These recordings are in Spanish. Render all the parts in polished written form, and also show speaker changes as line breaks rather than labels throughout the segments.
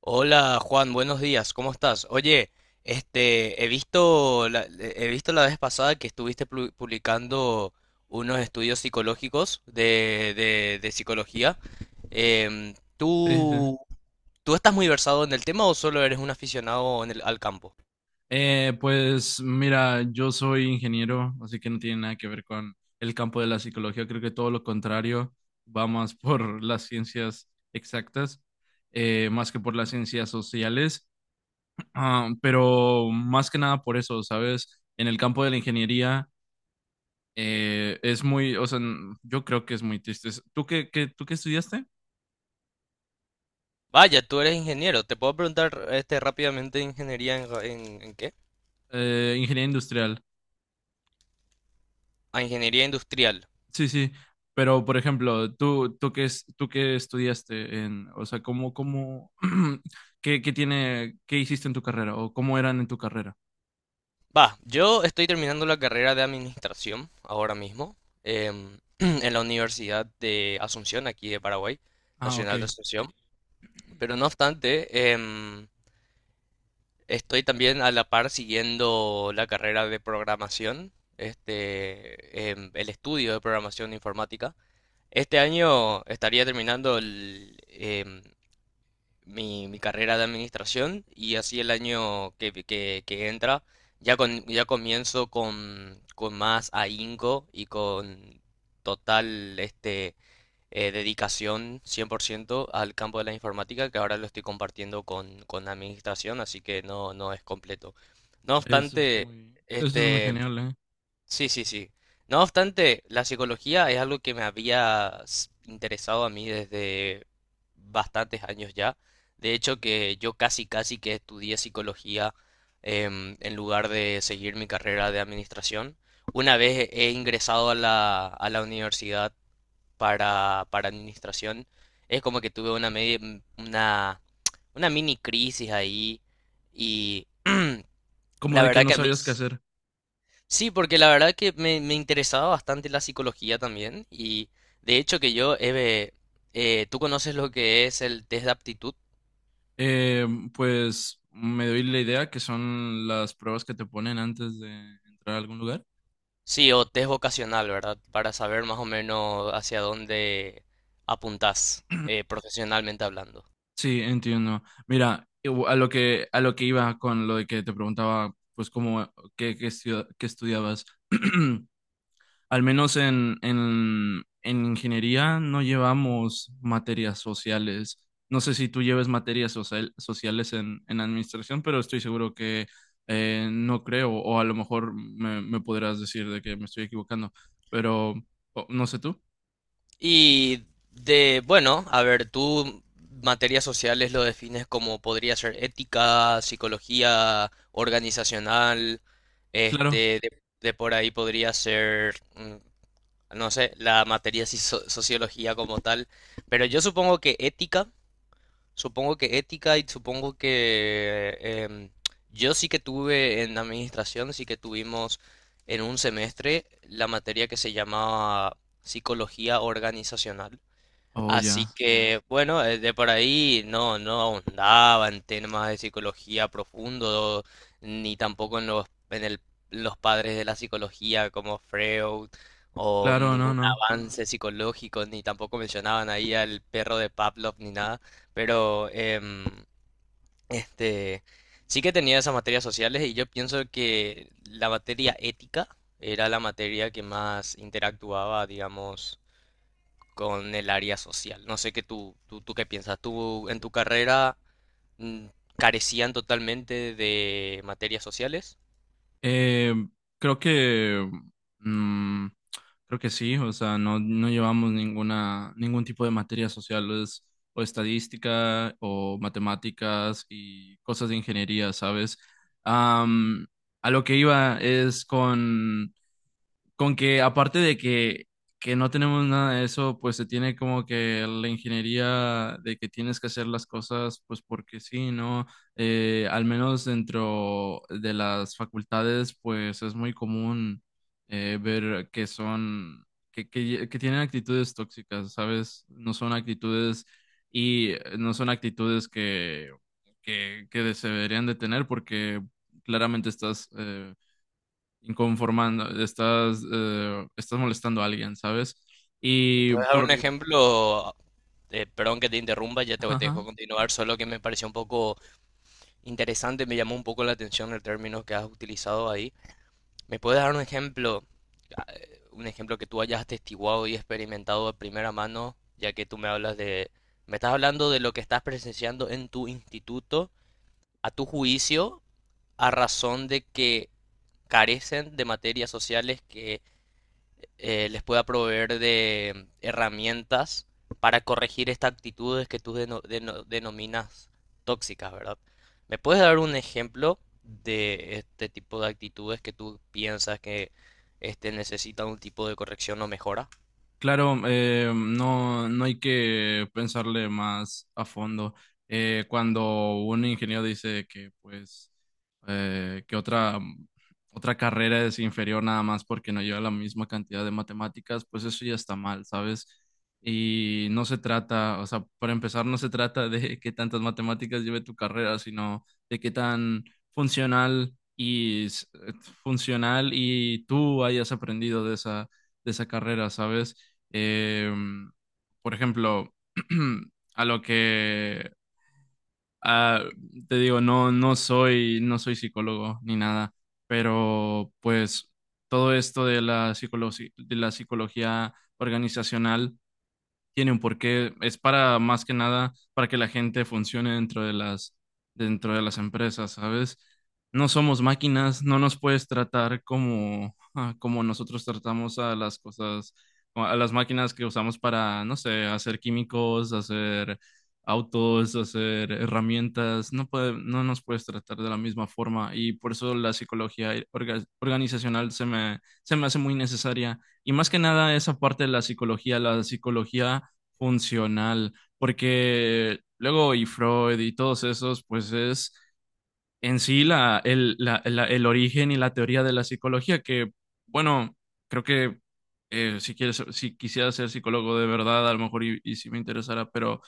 Hola Juan, buenos días, ¿cómo estás? Oye, he visto he visto la vez pasada que estuviste publicando unos estudios psicológicos de psicología.
Sí, sí.
¿Tú, tú estás muy versado en el tema o solo eres un aficionado en al campo?
Pues mira, yo soy ingeniero, así que no tiene nada que ver con el campo de la psicología. Creo que todo lo contrario, va más por las ciencias exactas, más que por las ciencias sociales. Ah, pero más que nada por eso, ¿sabes? En el campo de la ingeniería es muy, o sea, yo creo que es muy triste. ¿Tú qué, tú qué estudiaste?
Vaya, tú eres ingeniero. ¿Te puedo preguntar rápidamente ingeniería en, en qué?
Ingeniería industrial.
Ah, ingeniería industrial.
Sí, sí, pero por ejemplo, tú qué es, tú qué estudiaste en, o sea, cómo, qué tiene, qué hiciste en tu carrera o cómo eran en tu carrera.
Va, yo estoy terminando la carrera de administración ahora mismo en la Universidad de Asunción, aquí de Paraguay,
Ah, ok.
Nacional de Asunción. Pero no obstante, estoy también a la par siguiendo la carrera de programación, el estudio de programación informática. Este año estaría terminando mi carrera de administración y así el año que entra ya, ya comienzo con más ahínco y con total dedicación 100% al campo de la informática que ahora lo estoy compartiendo con administración, así que no, no es completo. No obstante,
Eso es muy
este,
genial, ¿eh?
sí, sí, sí. No obstante, la psicología es algo que me había interesado a mí desde bastantes años ya. De hecho, que yo casi, casi que estudié psicología en lugar de seguir mi carrera de administración. Una vez he ingresado a a la universidad para administración, es como que tuve una, una mini crisis ahí y
Como
la
de que
verdad
no
que a mí...
sabías qué hacer.
Sí, porque la verdad que me interesaba bastante la psicología también y de hecho que yo, Eve, ¿tú conoces lo que es el test de aptitud?
Eh, pues me doy la idea que son las pruebas que te ponen antes de entrar a algún lugar.
Sí, o test vocacional, ¿verdad? Para saber más o menos hacia dónde apuntás profesionalmente hablando.
Sí, entiendo. Mira, a lo que iba con lo de que te preguntaba, pues cómo, qué, qué estudiabas. Al menos en ingeniería no llevamos materias sociales. No sé si tú lleves materias sociales en administración, pero estoy seguro que no creo, o a lo mejor me podrás decir de que me estoy equivocando, pero no sé tú.
Y de, bueno, a ver, tú materias sociales lo defines como podría ser ética, psicología organizacional,
Claro.
este, de, de por ahí podría ser... no sé, la materia de sociología como tal, pero yo supongo que ética y supongo que yo sí que tuve en administración, sí que tuvimos en un semestre la materia que se llamaba psicología organizacional.
Oh,
Así
ya.
que, bueno, de por ahí no, no ahondaba en temas de psicología profundo, ni tampoco en los padres de la psicología como Freud, o
Claro, no,
ningún
no.
avance psicológico, ni tampoco mencionaban ahí al perro de Pavlov ni nada, pero este, sí que tenía esas materias sociales y yo pienso que la materia ética era la materia que más interactuaba, digamos con el área social. No sé qué tú qué piensas. ¿Tú en tu carrera mm, carecían totalmente de materias sociales?
Eh, Creo que mm, creo que sí, o sea, no, no llevamos ninguna, ningún tipo de materias sociales o estadística o matemáticas y cosas de ingeniería, ¿sabes? Am, a lo que iba es con que aparte de que no tenemos nada de eso, pues se tiene como que la ingeniería de que tienes que hacer las cosas, pues porque sí, ¿no? Al menos dentro de las facultades, pues es muy común ver que son, que tienen actitudes tóxicas, ¿sabes? No son actitudes y no son actitudes que se deberían de tener porque claramente estás inconformando, estás, estás molestando a alguien, ¿sabes?
¿Me
Y
puedes dar un
por...
Ejemplo? Perdón que te interrumpa, ya te
ajá.
dejo continuar, solo que me pareció un poco interesante, me llamó un poco la atención el término que has utilizado ahí. ¿Me puedes dar un ejemplo, un ejemplo que tú hayas atestiguado y experimentado de primera mano, ya que tú me hablas de, me estás hablando de lo que estás presenciando en tu instituto, a tu juicio? A razón de que carecen de materias sociales que les pueda proveer de herramientas para corregir estas actitudes que tú denominas tóxicas, ¿verdad? ¿Me puedes dar un ejemplo de este tipo de actitudes que tú piensas que necesitan un tipo de corrección o mejora?
Claro, no, no hay que pensarle más a fondo. Cuando un ingeniero dice que, pues, eh, que otra, otra carrera es inferior nada más porque no lleva la misma cantidad de matemáticas, pues eso ya está mal, ¿sabes? Y no se trata, o sea, para empezar, no se trata de qué tantas matemáticas lleve tu carrera, sino de qué tan funcional y funcional y tú hayas aprendido de esa carrera, ¿sabes? Em, por ejemplo, a lo que ah, te digo, no, no soy, no soy psicólogo ni nada, pero pues todo esto de la de la psicología organizacional tiene un porqué. Es para más que nada para que la gente funcione dentro de las empresas, ¿sabes? No somos máquinas, no nos puedes tratar como, ah, como nosotros tratamos a las cosas, a las máquinas que usamos para, no sé, hacer químicos, hacer autos, hacer herramientas, no nos puedes tratar de la misma forma y por eso la psicología organizacional se me hace muy necesaria. Y más que nada esa parte de la psicología funcional, porque luego y Freud y todos esos, pues es en sí la, el, la- la- el origen y la teoría de la psicología, que bueno, creo que si quieres, si quisiera ser psicólogo de verdad, a lo mejor y si me interesara, pero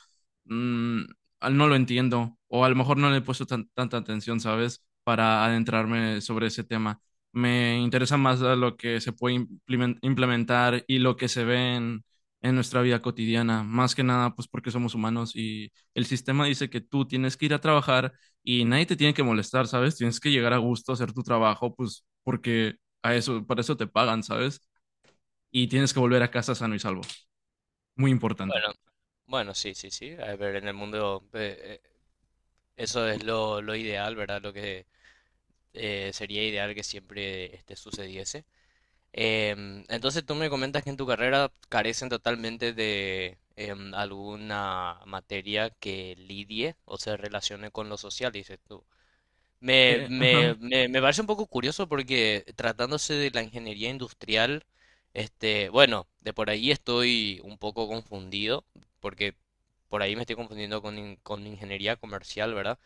mm, no lo entiendo, o a lo mejor no le he puesto tanta atención, ¿sabes? Para adentrarme sobre ese tema. Me interesa más a lo que se puede implementar y lo que se ve en nuestra vida cotidiana, más que nada, pues porque somos humanos y el sistema dice que tú tienes que ir a trabajar y nadie te tiene que molestar, ¿sabes? Tienes que llegar a gusto a hacer tu trabajo, pues porque a eso, para eso te pagan, ¿sabes? Y tienes que volver a casa sano y salvo. Muy importante.
Bueno, bueno, sí, sí, sí. A ver, en el mundo eso es lo ideal, ¿verdad? Lo que sería ideal que siempre sucediese. Entonces tú me comentas que en tu carrera carecen totalmente de alguna materia que lidie o se relacione con lo social, dices tú.
Ajá.
Me parece un poco curioso porque tratándose de la ingeniería industrial, bueno, de por ahí estoy un poco confundido, porque por ahí me estoy confundiendo con, con ingeniería comercial, ¿verdad?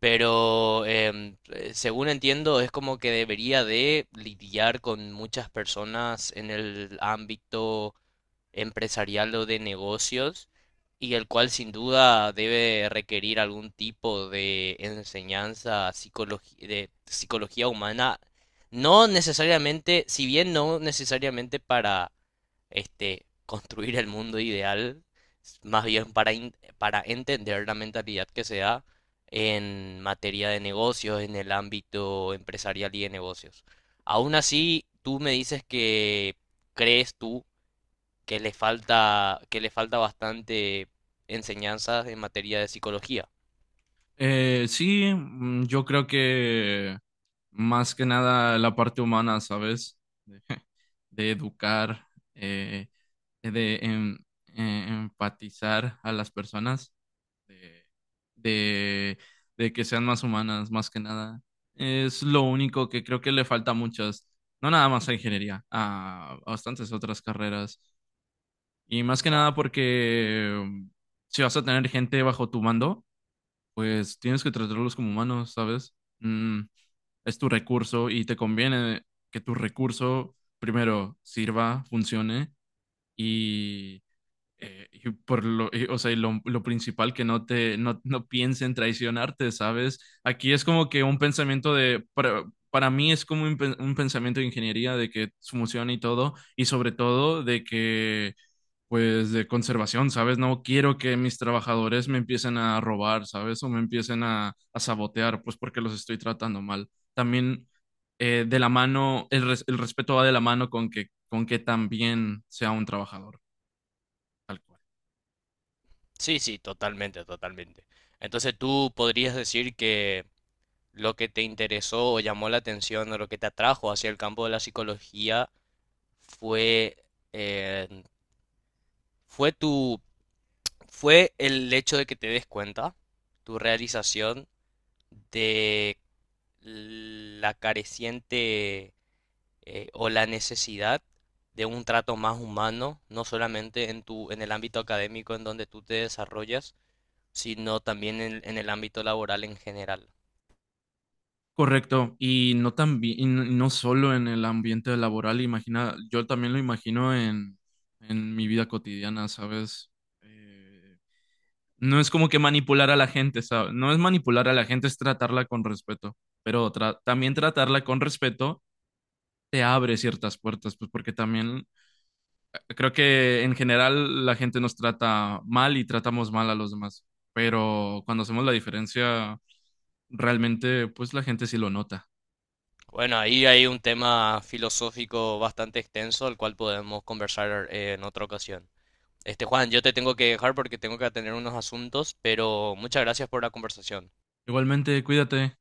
Pero según entiendo, es como que debería de lidiar con muchas personas en el ámbito empresarial o de negocios, y el cual sin duda debe requerir algún tipo de enseñanza de psicología humana, no necesariamente, si bien no necesariamente para construir el mundo ideal, más bien para, para entender la mentalidad que se da en materia de negocios, en el ámbito empresarial y de negocios. Aún así, tú me dices que crees tú que le falta bastante enseñanzas en materia de psicología.
Sí, yo creo que más que nada la parte humana, ¿sabes? De, de educar, eh, de empatizar a las personas. de, de de que sean más humanas, más que nada. Es lo único que creo que le falta a muchas, no nada más a ingeniería, a bastantes otras carreras. Y más que nada porque si vas a tener gente bajo tu mando, pues tienes que tratarlos como humanos, ¿sabes? Mm, es tu recurso y te conviene que tu recurso primero sirva, funcione y o sea, y lo principal que no te, no, no piensen traicionarte, ¿sabes? Aquí es como que un pensamiento de, para mí es como un, un pensamiento de ingeniería de que funciona y todo, y sobre todo de que, pues, de conservación, ¿sabes? No quiero que mis trabajadores me empiecen a robar, ¿sabes? O me empiecen a sabotear, pues porque los estoy tratando mal. También de la mano, el, res- el respeto va de la mano con que también sea un trabajador, tal cual.
Sí, sí, totalmente, totalmente. Entonces tú podrías decir que lo que te interesó o llamó la atención o lo que te atrajo hacia el campo de la psicología fue, eh, fue tu, fue el hecho de que te des cuenta, tu realización de la careciente o la necesidad de un trato más humano, no solamente en en el ámbito académico en donde tú te desarrollas, sino también en el ámbito laboral en general.
Correcto, y no también, y no solo en el ambiente laboral, imagina, yo también lo imagino en mi vida cotidiana, ¿sabes? Eh, no es como que manipular a la gente, ¿sabes? No es manipular a la gente, es tratarla con respeto, pero también tratarla con respeto te abre ciertas puertas, pues porque también creo que en general la gente nos trata mal y tratamos mal a los demás, pero cuando hacemos la diferencia, realmente, pues la gente sí lo nota.
Bueno, ahí hay un tema filosófico bastante extenso, al cual podemos conversar en otra ocasión. Este, Juan, yo te tengo que dejar porque tengo que atender unos asuntos, pero muchas gracias por la conversación.
Igualmente, cuídate.